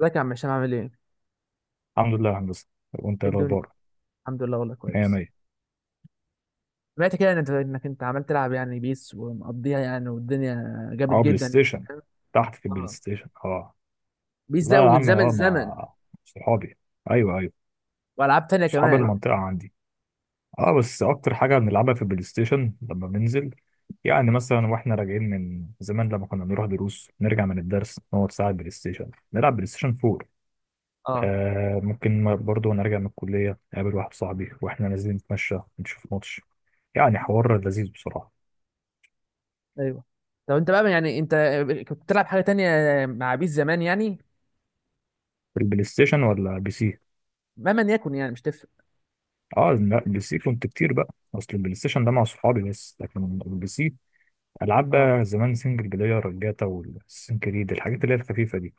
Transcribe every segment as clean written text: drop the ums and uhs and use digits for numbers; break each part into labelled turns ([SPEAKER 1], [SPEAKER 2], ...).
[SPEAKER 1] ازيك يا عم هشام عامل ايه؟
[SPEAKER 2] الحمد لله يا هندسة، وانت
[SPEAKER 1] ايه
[SPEAKER 2] ايه
[SPEAKER 1] الدنيا؟
[SPEAKER 2] الاخبار؟
[SPEAKER 1] الحمد لله والله
[SPEAKER 2] مية
[SPEAKER 1] كويس.
[SPEAKER 2] مية.
[SPEAKER 1] سمعت كده إن انت عمال تلعب يعني بيس ومقضيها يعني والدنيا جامد
[SPEAKER 2] اه، بلاي
[SPEAKER 1] جدا يعني
[SPEAKER 2] ستيشن.
[SPEAKER 1] فاهم؟
[SPEAKER 2] تحت في البلاي
[SPEAKER 1] اه،
[SPEAKER 2] ستيشن، اه.
[SPEAKER 1] بيس ده
[SPEAKER 2] لا يا
[SPEAKER 1] ومن
[SPEAKER 2] عم،
[SPEAKER 1] زمن زمن،
[SPEAKER 2] مع صحابي. ايوه، ايوه.
[SPEAKER 1] والعاب تانية
[SPEAKER 2] صحاب
[SPEAKER 1] كمان.
[SPEAKER 2] المنطقة عندي. اه، بس اكتر حاجة بنلعبها في البلاي ستيشن لما بننزل. يعني مثلا واحنا راجعين من زمان لما كنا بنروح دروس، نرجع من الدرس نقعد ساعة بلاي ستيشن، نلعب بلاي ستيشن 4.
[SPEAKER 1] اه،
[SPEAKER 2] آه ممكن برضه نرجع من الكلية، نقابل واحد صاحبي واحنا نازلين نتمشى، نشوف ماتش. يعني حوار لذيذ بصراحة.
[SPEAKER 1] ايوه. طب انت بقى يعني انت كنت بتلعب حاجة تانية مع بيس زمان يعني؟
[SPEAKER 2] في البلاي ستيشن ولا بي سي؟
[SPEAKER 1] مهما يكن يعني مش تفرق.
[SPEAKER 2] اه لا، بلاي سي كنت كتير بقى، اصل البلاي ستيشن ده مع صحابي بس، لكن البلاي سي العاب
[SPEAKER 1] اه
[SPEAKER 2] بقى زمان سنجل بلاير، الجاتا والسين كريد، الحاجات اللي هي الخفيفه دي.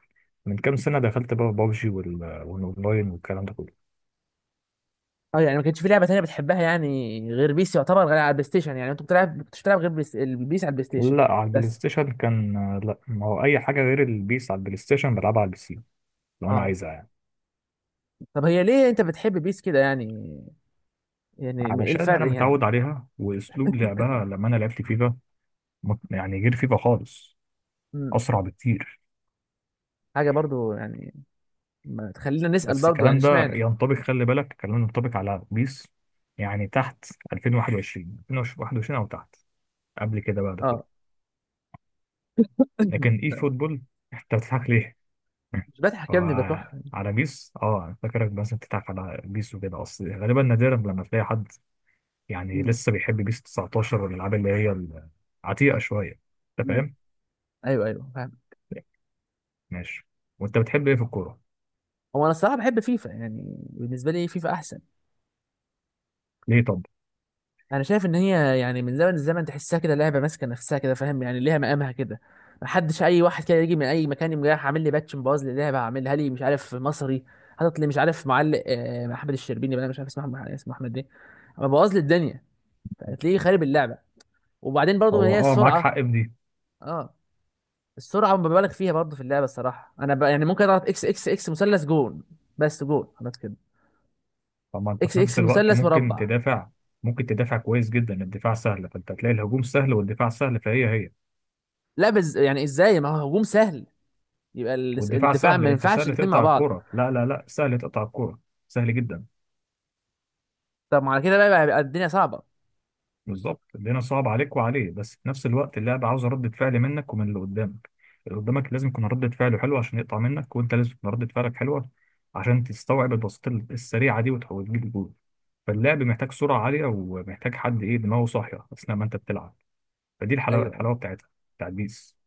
[SPEAKER 2] من كام سنه دخلت بقى بابجي والاونلاين والكلام ده كله.
[SPEAKER 1] اه، يعني ما كانش في لعبة تانية بتحبها يعني غير بيس؟ يعتبر غير على البلاي ستيشن، يعني انت بتلعب كنتش بتلعب غير البيس على البلاي ستيشن
[SPEAKER 2] لا، على البلاي
[SPEAKER 1] بس؟
[SPEAKER 2] ستيشن كان. لا، ما هو اي حاجه غير البيس على البلاي ستيشن بلعبها على البي سي لو انا
[SPEAKER 1] اه.
[SPEAKER 2] عايزها يعني.
[SPEAKER 1] طب هي ليه انت بتحب بيس كده يعني؟ يعني ايه
[SPEAKER 2] علشان انا
[SPEAKER 1] الفرق يعني؟
[SPEAKER 2] متعود عليها واسلوب لعبها، لما انا لعبت فيفا يعني غير فيفا خالص.
[SPEAKER 1] مم.
[SPEAKER 2] اسرع بكتير.
[SPEAKER 1] حاجه برضو يعني؟ ما تخلينا نسال
[SPEAKER 2] بس
[SPEAKER 1] برضو يعني
[SPEAKER 2] الكلام ده
[SPEAKER 1] اشمعنى.
[SPEAKER 2] ينطبق، خلي بالك الكلام ده ينطبق على بيس، يعني تحت 2021 او تحت، قبل كده بقى ده كله،
[SPEAKER 1] اه،
[SPEAKER 2] لكن اي فوتبول. انت بتضحك ليه؟
[SPEAKER 1] مش بضحك يا ابني،
[SPEAKER 2] هو
[SPEAKER 1] بكح.
[SPEAKER 2] على بيس أنا فاكرك بس بتضحك على بيس وكده، اصل غالبا نادرا لما تلاقي حد يعني
[SPEAKER 1] مم.
[SPEAKER 2] لسه بيحب بيس 19 والالعاب اللي هي العتيقه شويه. انت
[SPEAKER 1] مم.
[SPEAKER 2] فاهم؟
[SPEAKER 1] ايوه ايوه، فاهم.
[SPEAKER 2] ماشي. وانت بتحب ايه في الكوره؟
[SPEAKER 1] هو انا الصراحه بحب فيفا، يعني بالنسبه لي فيفا احسن.
[SPEAKER 2] ليه طب؟
[SPEAKER 1] انا شايف ان هي يعني من زمن الزمن تحسها كده لعبه ماسكه نفسها كده، فاهم، يعني ليها مقامها كده. ما حدش اي واحد كده يجي من اي مكان يقوم جاي عامل لي باتش مبوظ لي اللعبه، عاملها لي مش عارف مصري، حاطط لي مش عارف معلق احمد الشربيني، بقى مش عارف اسمه، اسمه احمد ايه، بوظ لي الدنيا. هتلاقيه خارب اللعبه. وبعدين برضو
[SPEAKER 2] هو
[SPEAKER 1] هي
[SPEAKER 2] اه، معاك حق
[SPEAKER 1] السرعه.
[SPEAKER 2] في دي.
[SPEAKER 1] اه، السرعه مبالغ فيها برضه في اللعبه الصراحه. انا يعني ممكن اضغط اكس اكس اكس مثلث، جون. بس جون خلاص كده.
[SPEAKER 2] طب ما انت
[SPEAKER 1] اكس
[SPEAKER 2] في
[SPEAKER 1] اكس
[SPEAKER 2] نفس الوقت
[SPEAKER 1] مثلث
[SPEAKER 2] ممكن
[SPEAKER 1] مربع.
[SPEAKER 2] تدافع، ممكن تدافع كويس جدا، الدفاع سهل، فانت هتلاقي الهجوم سهل والدفاع سهل فهي هي.
[SPEAKER 1] لا، يعني ازاي؟ ما هو هجوم سهل يبقى
[SPEAKER 2] والدفاع
[SPEAKER 1] الدفاع،
[SPEAKER 2] سهل،
[SPEAKER 1] ما
[SPEAKER 2] انت
[SPEAKER 1] ينفعش
[SPEAKER 2] سهل
[SPEAKER 1] الاتنين مع
[SPEAKER 2] تقطع
[SPEAKER 1] بعض.
[SPEAKER 2] الكرة، لا لا لا، سهل تقطع الكرة، سهل جدا.
[SPEAKER 1] طب ما على كده بقى يبقى الدنيا صعبه.
[SPEAKER 2] بالظبط الدنيا صعب عليك وعليه، بس في نفس الوقت اللعبة عاوزة ردة فعل منك ومن اللي قدامك. اللي قدامك لازم يكون ردة فعله حلوة عشان يقطع منك، وانت لازم يكون ردة فعلك حلوة عشان تستوعب البساطة السريعة دي وتحاول تجيب الجول. فاللعب محتاج سرعة عالية ومحتاج حد ايه، دماغه صاحية اثناء ما انت بتلعب. فدي الحلاوه
[SPEAKER 1] ايوه ايوه.
[SPEAKER 2] الحلاوه بتاعتها، بتاعت بيس،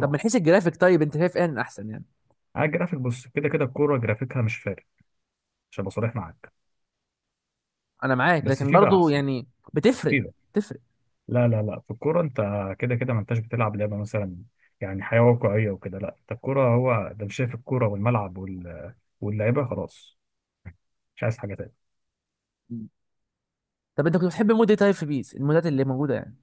[SPEAKER 1] طب من حيث الجرافيك، طيب انت شايف ان احسن يعني؟
[SPEAKER 2] على الجرافيك بص، كده كده الكوره جرافيكها مش فارق، عشان ابقى صريح معاك.
[SPEAKER 1] انا معاك،
[SPEAKER 2] بس
[SPEAKER 1] لكن
[SPEAKER 2] فيفا
[SPEAKER 1] برضه
[SPEAKER 2] احسن.
[SPEAKER 1] يعني بتفرق.
[SPEAKER 2] فيفا.
[SPEAKER 1] بتفرق.
[SPEAKER 2] لا لا لا، في الكوره انت كده كده ما انتش بتلعب لعبه، مثلا يعني حياه واقعيه وكده، لا انت الكوره، هو ده، مش شايف الكوره والملعب واللعيبه؟ خلاص، مش عايز حاجه تانية.
[SPEAKER 1] طب انت كنت بتحب مود ايه طيب في بيس، المودات اللي موجوده يعني؟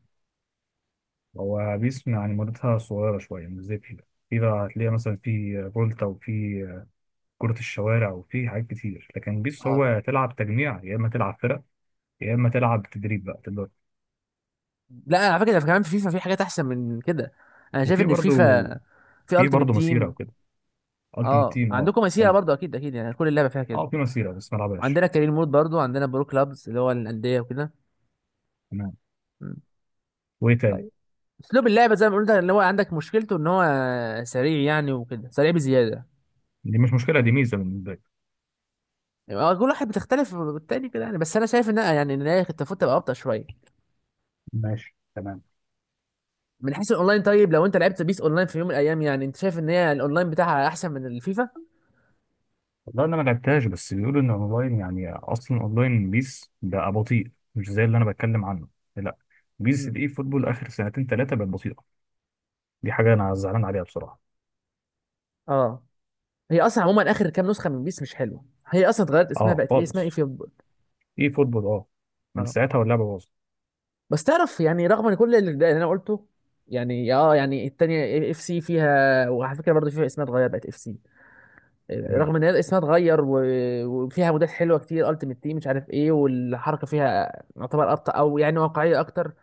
[SPEAKER 2] هو بيس يعني مدتها صغيره شويه، مش زي فيفا. فيفا هتلاقي مثلا في فولتا، وفي كرة الشوارع، وفي حاجات كتير، لكن بيس
[SPEAKER 1] اه.
[SPEAKER 2] هو تلعب تجميع، يا إما تلعب فرق، يا إما تلعب تدريب بقى تبدأ.
[SPEAKER 1] لا، على فكره كمان في فيفا في حاجات احسن من كده. انا شايف
[SPEAKER 2] وفي
[SPEAKER 1] ان
[SPEAKER 2] برضو،
[SPEAKER 1] فيفا في
[SPEAKER 2] في
[SPEAKER 1] التيمت
[SPEAKER 2] برضو مسيرة
[SPEAKER 1] تيم.
[SPEAKER 2] وكده. التيمت
[SPEAKER 1] اه،
[SPEAKER 2] تيم اه،
[SPEAKER 1] عندكم مسيرة
[SPEAKER 2] حلو.
[SPEAKER 1] برضو، اكيد اكيد، يعني كل اللعبة فيها كده.
[SPEAKER 2] اه، في مسيرة بس ما لعبهاش.
[SPEAKER 1] وعندنا كارين مود برضو، عندنا برو كلابز اللي هو الأندية وكده.
[SPEAKER 2] تمام.
[SPEAKER 1] مم.
[SPEAKER 2] وايه تاني؟
[SPEAKER 1] طيب، اسلوب اللعبة زي ما قلت اللي هو عندك مشكلته، ان هو سريع يعني وكده، سريع بزيادة.
[SPEAKER 2] دي مش مشكلة، دي ميزة بالنسبة لي.
[SPEAKER 1] يعني هو كل واحد بتختلف بالتاني كده يعني، بس انا شايف ان يعني ان هي كانت المفروض تبقى ابطأ شوية.
[SPEAKER 2] ماشي تمام.
[SPEAKER 1] من حيث الاونلاين، طيب لو انت لعبت بيس اونلاين في يوم من الايام، يعني انت شايف ان هي الاونلاين بتاعها احسن من الفيفا؟
[SPEAKER 2] والله انا ما لعبتهاش، بس بيقولوا ان اونلاين، يعني اصلا اونلاين بيس بقى بطيء، مش زي اللي انا بتكلم عنه. لا، بيس
[SPEAKER 1] مم.
[SPEAKER 2] الاي فوتبول اخر سنتين ثلاثه بقت بطيئه. دي حاجه انا زعلان عليها بصراحه.
[SPEAKER 1] اه، هي اصلا عموما اخر كام نسخة من بيس مش حلوة، هي اصلا اتغيرت اسمها،
[SPEAKER 2] اه
[SPEAKER 1] بقت ايه اسمها، ايه
[SPEAKER 2] خالص.
[SPEAKER 1] في؟
[SPEAKER 2] اي فوتبول، اه، من
[SPEAKER 1] اه.
[SPEAKER 2] ساعتها واللعبه باظت.
[SPEAKER 1] بس تعرف، يعني رغم ان كل اللي انا قلته، يعني اه، يعني التانية اف سي فيها، وعلى فكره برضه فيها اسمها اتغير بقت اف سي. رغم
[SPEAKER 2] تمام.
[SPEAKER 1] ان هي اسمها اتغير وفيها مودات حلوه كتير، التيمت تيم مش عارف ايه، والحركه فيها يعتبر ابطا، او يعني واقعيه اكتر.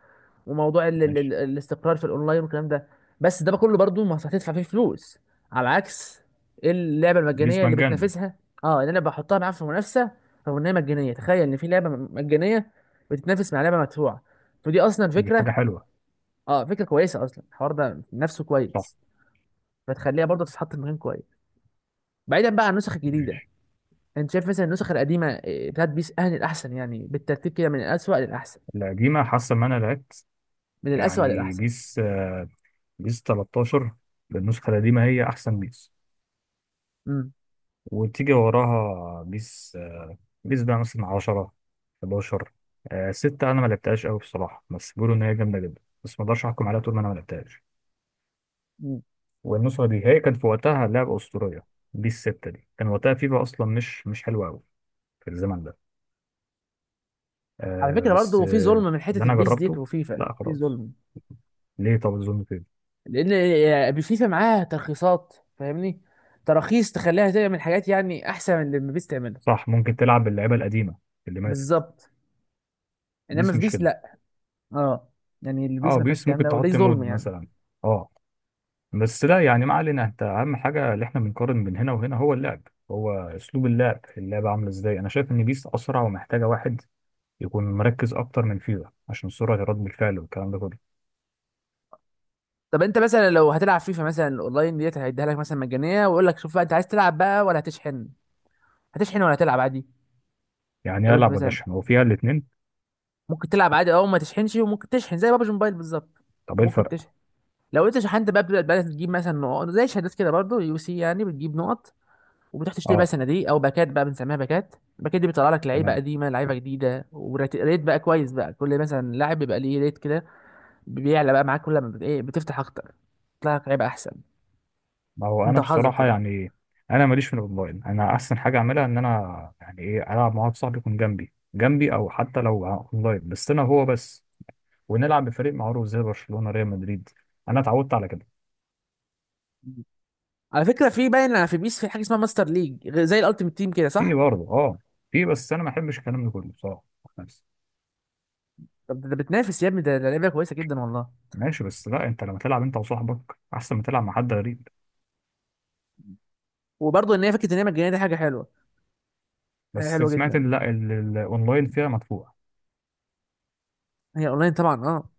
[SPEAKER 1] وموضوع ال ال
[SPEAKER 2] ماشي.
[SPEAKER 1] ال الاستقرار في الاونلاين والكلام ده. بس ده كله برضه ما هتدفع فيه فلوس، على عكس اللعبه
[SPEAKER 2] بيس
[SPEAKER 1] المجانيه اللي
[SPEAKER 2] مجانا.
[SPEAKER 1] بتنافسها. اه، ان انا بحطها معاها في منافسه، رغم ان هي مجانيه. تخيل ان في لعبه مجانيه بتتنافس مع لعبه مدفوعه. فدي اصلا
[SPEAKER 2] دي حاجه
[SPEAKER 1] فكره.
[SPEAKER 2] حلوه.
[SPEAKER 1] اه، فكره كويسه، اصلا الحوار ده نفسه
[SPEAKER 2] صح.
[SPEAKER 1] كويس. فتخليها برضه تتحط في مكان كويس، بعيدا بقى عن النسخ الجديده.
[SPEAKER 2] ماشي.
[SPEAKER 1] انت شايف مثلا النسخ القديمه بتاعت بيس اهل الاحسن يعني، بالترتيب كده من الاسوأ للاحسن.
[SPEAKER 2] القديمه، حاسه ان انا لعبت
[SPEAKER 1] من الاسوأ
[SPEAKER 2] يعني
[SPEAKER 1] للاحسن.
[SPEAKER 2] بيس 13، بالنسخة القديمة، هي أحسن بيس.
[SPEAKER 1] امم
[SPEAKER 2] وتيجي وراها بيس بقى مثلا 10، 11، 6 أنا ما لعبتهاش قوي بصراحة، بس بيقولوا إن هي جامدة جدا، بس ما أقدرش أحكم عليها طول ما أنا ما لعبتهاش.
[SPEAKER 1] أمم.
[SPEAKER 2] والنسخة دي هي كانت في وقتها لعبة أسطورية. بيس 6 دي كان وقتها فيفا أصلا مش حلوة قوي في الزمن ده.
[SPEAKER 1] على
[SPEAKER 2] آه،
[SPEAKER 1] فكره
[SPEAKER 2] بس
[SPEAKER 1] برضه في ظلم
[SPEAKER 2] آه،
[SPEAKER 1] من
[SPEAKER 2] اللي
[SPEAKER 1] حته
[SPEAKER 2] أنا
[SPEAKER 1] البيس ديت
[SPEAKER 2] جربته.
[SPEAKER 1] وفيفا
[SPEAKER 2] لا
[SPEAKER 1] في
[SPEAKER 2] خلاص.
[SPEAKER 1] ظلم.
[SPEAKER 2] ليه طب الظلم كده؟
[SPEAKER 1] لان فيفا معاها ترخيصات، فاهمني، تراخيص تخليها تعمل حاجات يعني احسن من اللي بيس تعملها.
[SPEAKER 2] صح، ممكن تلعب باللعيبة القديمة اللي ماتت.
[SPEAKER 1] بالظبط. انما
[SPEAKER 2] بيس
[SPEAKER 1] في
[SPEAKER 2] مش
[SPEAKER 1] بيس
[SPEAKER 2] كده.
[SPEAKER 1] لا. اه، يعني البيس
[SPEAKER 2] اه،
[SPEAKER 1] ما فيهاش
[SPEAKER 2] بيس
[SPEAKER 1] الكلام
[SPEAKER 2] ممكن
[SPEAKER 1] ده، وده
[SPEAKER 2] تحط
[SPEAKER 1] ظلم
[SPEAKER 2] مود
[SPEAKER 1] يعني.
[SPEAKER 2] مثلا. اه، بس لا يعني ما علينا، انت اهم حاجه اللي احنا بنقارن بين هنا وهنا هو اللعب، هو اسلوب اللعب، اللعبه عامله ازاي. انا شايف ان بيس اسرع ومحتاجه واحد يكون مركز اكتر من فيفا، عشان سرعه رد الفعل والكلام ده كله.
[SPEAKER 1] طب انت مثلا لو هتلعب فيفا مثلا، الاونلاين ديت هيديها لك مثلا مجانيه، ويقول لك شوف بقى، انت عايز تلعب بقى ولا هتشحن؟ هتشحن ولا هتلعب عادي؟
[SPEAKER 2] يعني
[SPEAKER 1] لو انت
[SPEAKER 2] العب ولا
[SPEAKER 1] مثلا،
[SPEAKER 2] اشحن، هو فيها الاثنين.
[SPEAKER 1] ممكن تلعب عادي او ما تشحنش، وممكن تشحن زي بابجي موبايل بالظبط.
[SPEAKER 2] طب ايه
[SPEAKER 1] ممكن
[SPEAKER 2] الفرق؟
[SPEAKER 1] تشحن. لو انت شحنت بقى، بتبدا بقى تجيب مثلا نقط زي شهادات كده، برضه يو سي، يعني بتجيب نقط، وبتروح تشتري بقى
[SPEAKER 2] اه
[SPEAKER 1] صناديق او باكات، بقى بنسميها باكات. الباكات دي بيطلع لك لعيبه
[SPEAKER 2] تمام.
[SPEAKER 1] قديمه، لعيبه جديده، وريت بقى كويس بقى، كل مثلا لاعب بيبقى ليه ريت كده، بيعلى بقى معاك كل ما ايه، بتفتح اكتر بيطلع لك لعيبه احسن.
[SPEAKER 2] ما هو
[SPEAKER 1] انت
[SPEAKER 2] انا
[SPEAKER 1] وحظك
[SPEAKER 2] بصراحه
[SPEAKER 1] طبعا.
[SPEAKER 2] يعني انا ماليش في الاونلاين، انا احسن حاجه اعملها ان انا يعني ايه، العب مع واحد صاحبي يكون جنبي جنبي، او حتى لو اونلاين بس انا هو بس، ونلعب بفريق معروف زي برشلونه، ريال مدريد، انا اتعودت على كده.
[SPEAKER 1] على فكره في باين في بيس، في حاجه اسمها ماستر ليج، زي الالتيمت تيم كده،
[SPEAKER 2] في
[SPEAKER 1] صح؟
[SPEAKER 2] برضه اه، في بس انا ما بحبش الكلام ده كله بصراحه، نفسي.
[SPEAKER 1] طب ده بتنافس يا ابني، ده لعبه كويسه جدا والله.
[SPEAKER 2] ماشي بس لا، انت لما تلعب انت وصاحبك احسن ما تلعب مع حد غريب.
[SPEAKER 1] وبرضه ان هي فكره، ان هي مجانيه دي حاجه حلوه. حاجه
[SPEAKER 2] بس
[SPEAKER 1] حلوه
[SPEAKER 2] سمعت ان
[SPEAKER 1] جدا.
[SPEAKER 2] لا، الاونلاين فيها مدفوع.
[SPEAKER 1] هي اونلاين طبعا، اه.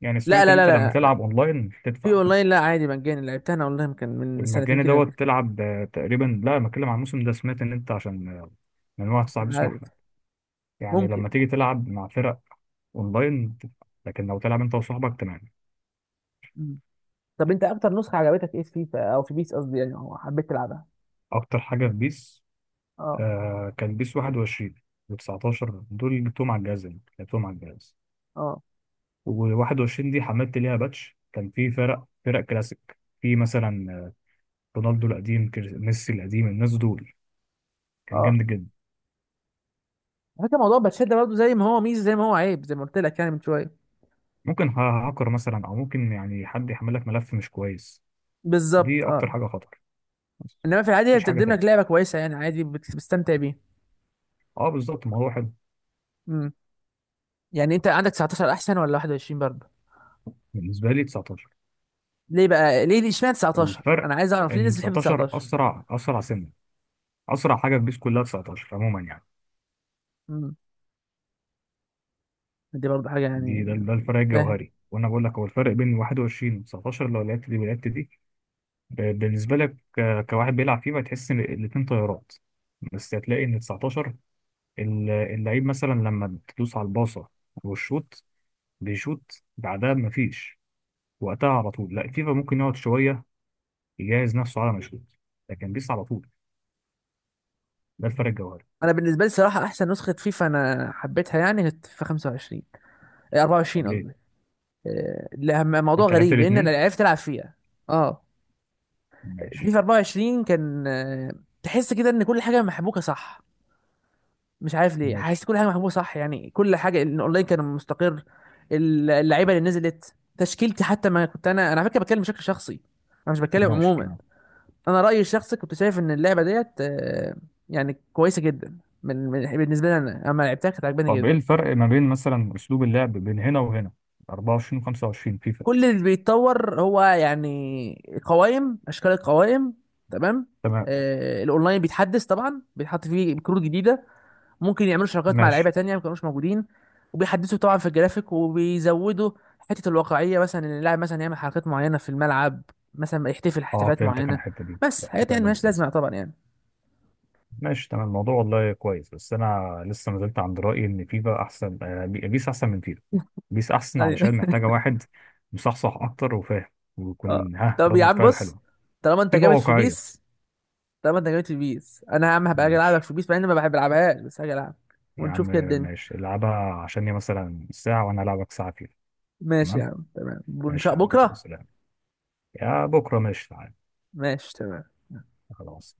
[SPEAKER 2] يعني
[SPEAKER 1] لا
[SPEAKER 2] سمعت ان
[SPEAKER 1] لا لا
[SPEAKER 2] انت لما
[SPEAKER 1] لا لا،
[SPEAKER 2] تلعب اونلاين
[SPEAKER 1] في
[SPEAKER 2] تدفع.
[SPEAKER 1] اونلاين لا، عادي مجاني، لعبتها انا اونلاين كان من سنتين
[SPEAKER 2] المجاني
[SPEAKER 1] كده، كنت
[SPEAKER 2] دوت
[SPEAKER 1] كنت
[SPEAKER 2] تلعب، تقريبا، لا أنا بتكلم عن الموسم ده، سمعت ان انت عشان من واحد
[SPEAKER 1] مش
[SPEAKER 2] صاحبي اسمه
[SPEAKER 1] عارف
[SPEAKER 2] احمد. يعني
[SPEAKER 1] ممكن.
[SPEAKER 2] لما تيجي تلعب مع فرق اونلاين تدفع، لكن لو تلعب انت وصاحبك تمام.
[SPEAKER 1] مم. طب انت اكتر نسخه عجبتك ايه في فيفا او في بيس قصدي يعني، او حبيت تلعبها؟
[SPEAKER 2] اكتر حاجه في بيس
[SPEAKER 1] اه
[SPEAKER 2] كان بيس 21 و19، دول اللي جبتهم على الجهاز، يعني لعبتهم على الجهاز.
[SPEAKER 1] اه
[SPEAKER 2] و21 دي حملت ليها باتش، كان في فرق كلاسيك، في مثلا رونالدو القديم، ميسي القديم، الناس دول، كان
[SPEAKER 1] اه.
[SPEAKER 2] جامد جدا.
[SPEAKER 1] على فكره موضوع باتشات ده برضه زي ما هو ميزه زي ما هو عيب، زي ما قلت لك يعني من شويه.
[SPEAKER 2] ممكن هاكر مثلا، او ممكن يعني حد يحمل لك ملف مش كويس، دي
[SPEAKER 1] بالظبط.
[SPEAKER 2] اكتر
[SPEAKER 1] اه،
[SPEAKER 2] حاجه خطر. بس
[SPEAKER 1] انما في العادي هي
[SPEAKER 2] مفيش حاجه
[SPEAKER 1] بتقدم لك
[SPEAKER 2] تانية.
[SPEAKER 1] لعبه كويسه يعني، عادي بتستمتع بيها.
[SPEAKER 2] اه بالظبط، الموضوع حلو.
[SPEAKER 1] امم يعني انت عندك 19 احسن ولا 21 برضه؟
[SPEAKER 2] بالنسبه لي 19.
[SPEAKER 1] ليه بقى، ليه اشمعنى 19،
[SPEAKER 2] الفرق
[SPEAKER 1] انا عايز اعرف ليه
[SPEAKER 2] ان
[SPEAKER 1] الناس بتحب
[SPEAKER 2] 19
[SPEAKER 1] 19؟
[SPEAKER 2] اسرع سنه، اسرع حاجه في بيس كلها 19 عموما يعني.
[SPEAKER 1] امم. دي برضه حاجه يعني.
[SPEAKER 2] دي ده
[SPEAKER 1] مش
[SPEAKER 2] الفرق
[SPEAKER 1] فاهم.
[SPEAKER 2] الجوهري، وانا بقول لك هو الفرق بين 21 و 19، لو لعبت دي ولعبت دي، بالنسبه لك كواحد بيلعب فيه، هتحس ان الاتنين طيارات. بس هتلاقي ان 19، اللعيب مثلا لما تدوس على الباصه والشوط، بيشوط بعدها، مفيش وقتها، على طول. لا فيفا ممكن يقعد شويه يجهز نفسه على ما يشوط، لكن بيس على طول. ده الفرق الجوهري.
[SPEAKER 1] انا بالنسبه لي صراحه احسن نسخه فيفا انا حبيتها يعني كانت في 25.
[SPEAKER 2] طب
[SPEAKER 1] 24
[SPEAKER 2] ليه؟
[SPEAKER 1] قصدي. لا، موضوع
[SPEAKER 2] انت لعبت
[SPEAKER 1] غريب لان انا
[SPEAKER 2] الاتنين؟
[SPEAKER 1] عرفت العب فيها. اه.
[SPEAKER 2] ماشي،
[SPEAKER 1] فيفا 24 كان، تحس كده ان كل حاجه محبوكه، صح. مش عارف ليه، حاسس
[SPEAKER 2] ماشي،
[SPEAKER 1] كل حاجه محبوبه، صح، يعني كل حاجه، الاونلاين كان مستقر. اللعيبه اللي نزلت تشكيلتي، حتى ما كنت انا على فكره بتكلم بشكل شخصي. انا مش بتكلم
[SPEAKER 2] ماشي،
[SPEAKER 1] عموما.
[SPEAKER 2] تمام.
[SPEAKER 1] انا رايي الشخصي كنت شايف ان اللعبه ديت يعني كويسه جدا. بالنسبه لي انا، اما لعبتها كانت عجباني
[SPEAKER 2] طب ايه
[SPEAKER 1] جدا.
[SPEAKER 2] الفرق ما بين مثلا اسلوب اللعب بين هنا وهنا، 24 و25 فيفا.
[SPEAKER 1] كل اللي بيتطور هو يعني قوائم، اشكال القوائم. تمام.
[SPEAKER 2] تمام.
[SPEAKER 1] الاونلاين بيتحدث طبعا، بيتحط فيه كروت جديده، ممكن يعملوا شراكات مع لعيبه
[SPEAKER 2] ماشي.
[SPEAKER 1] تانية ما كانوش موجودين، وبيحدثوا طبعا في الجرافيك، وبيزودوا حته الواقعيه، مثلا ان اللاعب مثلا يعمل حركات معينه في الملعب، مثلا يحتفل
[SPEAKER 2] اه
[SPEAKER 1] احتفالات
[SPEAKER 2] فهمتك، انا
[SPEAKER 1] معينه.
[SPEAKER 2] الحته دي
[SPEAKER 1] بس حاجات
[SPEAKER 2] الاحتفال
[SPEAKER 1] يعني ملهاش
[SPEAKER 2] الانجليزي.
[SPEAKER 1] لازمه طبعا يعني.
[SPEAKER 2] ماشي تمام، الموضوع والله كويس، بس انا لسه ما زلت عند رايي ان فيفا احسن، بيس احسن من فيفا. بيس احسن
[SPEAKER 1] ايوه
[SPEAKER 2] علشان محتاجه واحد مصحصح اكتر وفاهم،
[SPEAKER 1] اه،
[SPEAKER 2] ويكون ها
[SPEAKER 1] طب يا
[SPEAKER 2] ردة
[SPEAKER 1] عم
[SPEAKER 2] فعله
[SPEAKER 1] بص،
[SPEAKER 2] حلوه.
[SPEAKER 1] طالما انت
[SPEAKER 2] فيفا
[SPEAKER 1] جامد في
[SPEAKER 2] واقعيه.
[SPEAKER 1] بيس، طالما انت جامد في بيس، انا يا عم هبقى اجي العبك
[SPEAKER 2] ماشي
[SPEAKER 1] في بيس، مع اني ما بحب العبهاش، بس هاجي العب
[SPEAKER 2] يا عم.
[SPEAKER 1] ونشوف كده الدنيا.
[SPEAKER 2] ماشي، العبها عشان هي مثلا ساعه، وانا العبك ساعه فيفا.
[SPEAKER 1] ماشي يا
[SPEAKER 2] تمام.
[SPEAKER 1] عم، تمام، ونشاء
[SPEAKER 2] ماشي يا عم،
[SPEAKER 1] بكره.
[SPEAKER 2] خلاص سلام. يا بكره ماشي تعالى.
[SPEAKER 1] ماشي تمام.
[SPEAKER 2] خلاص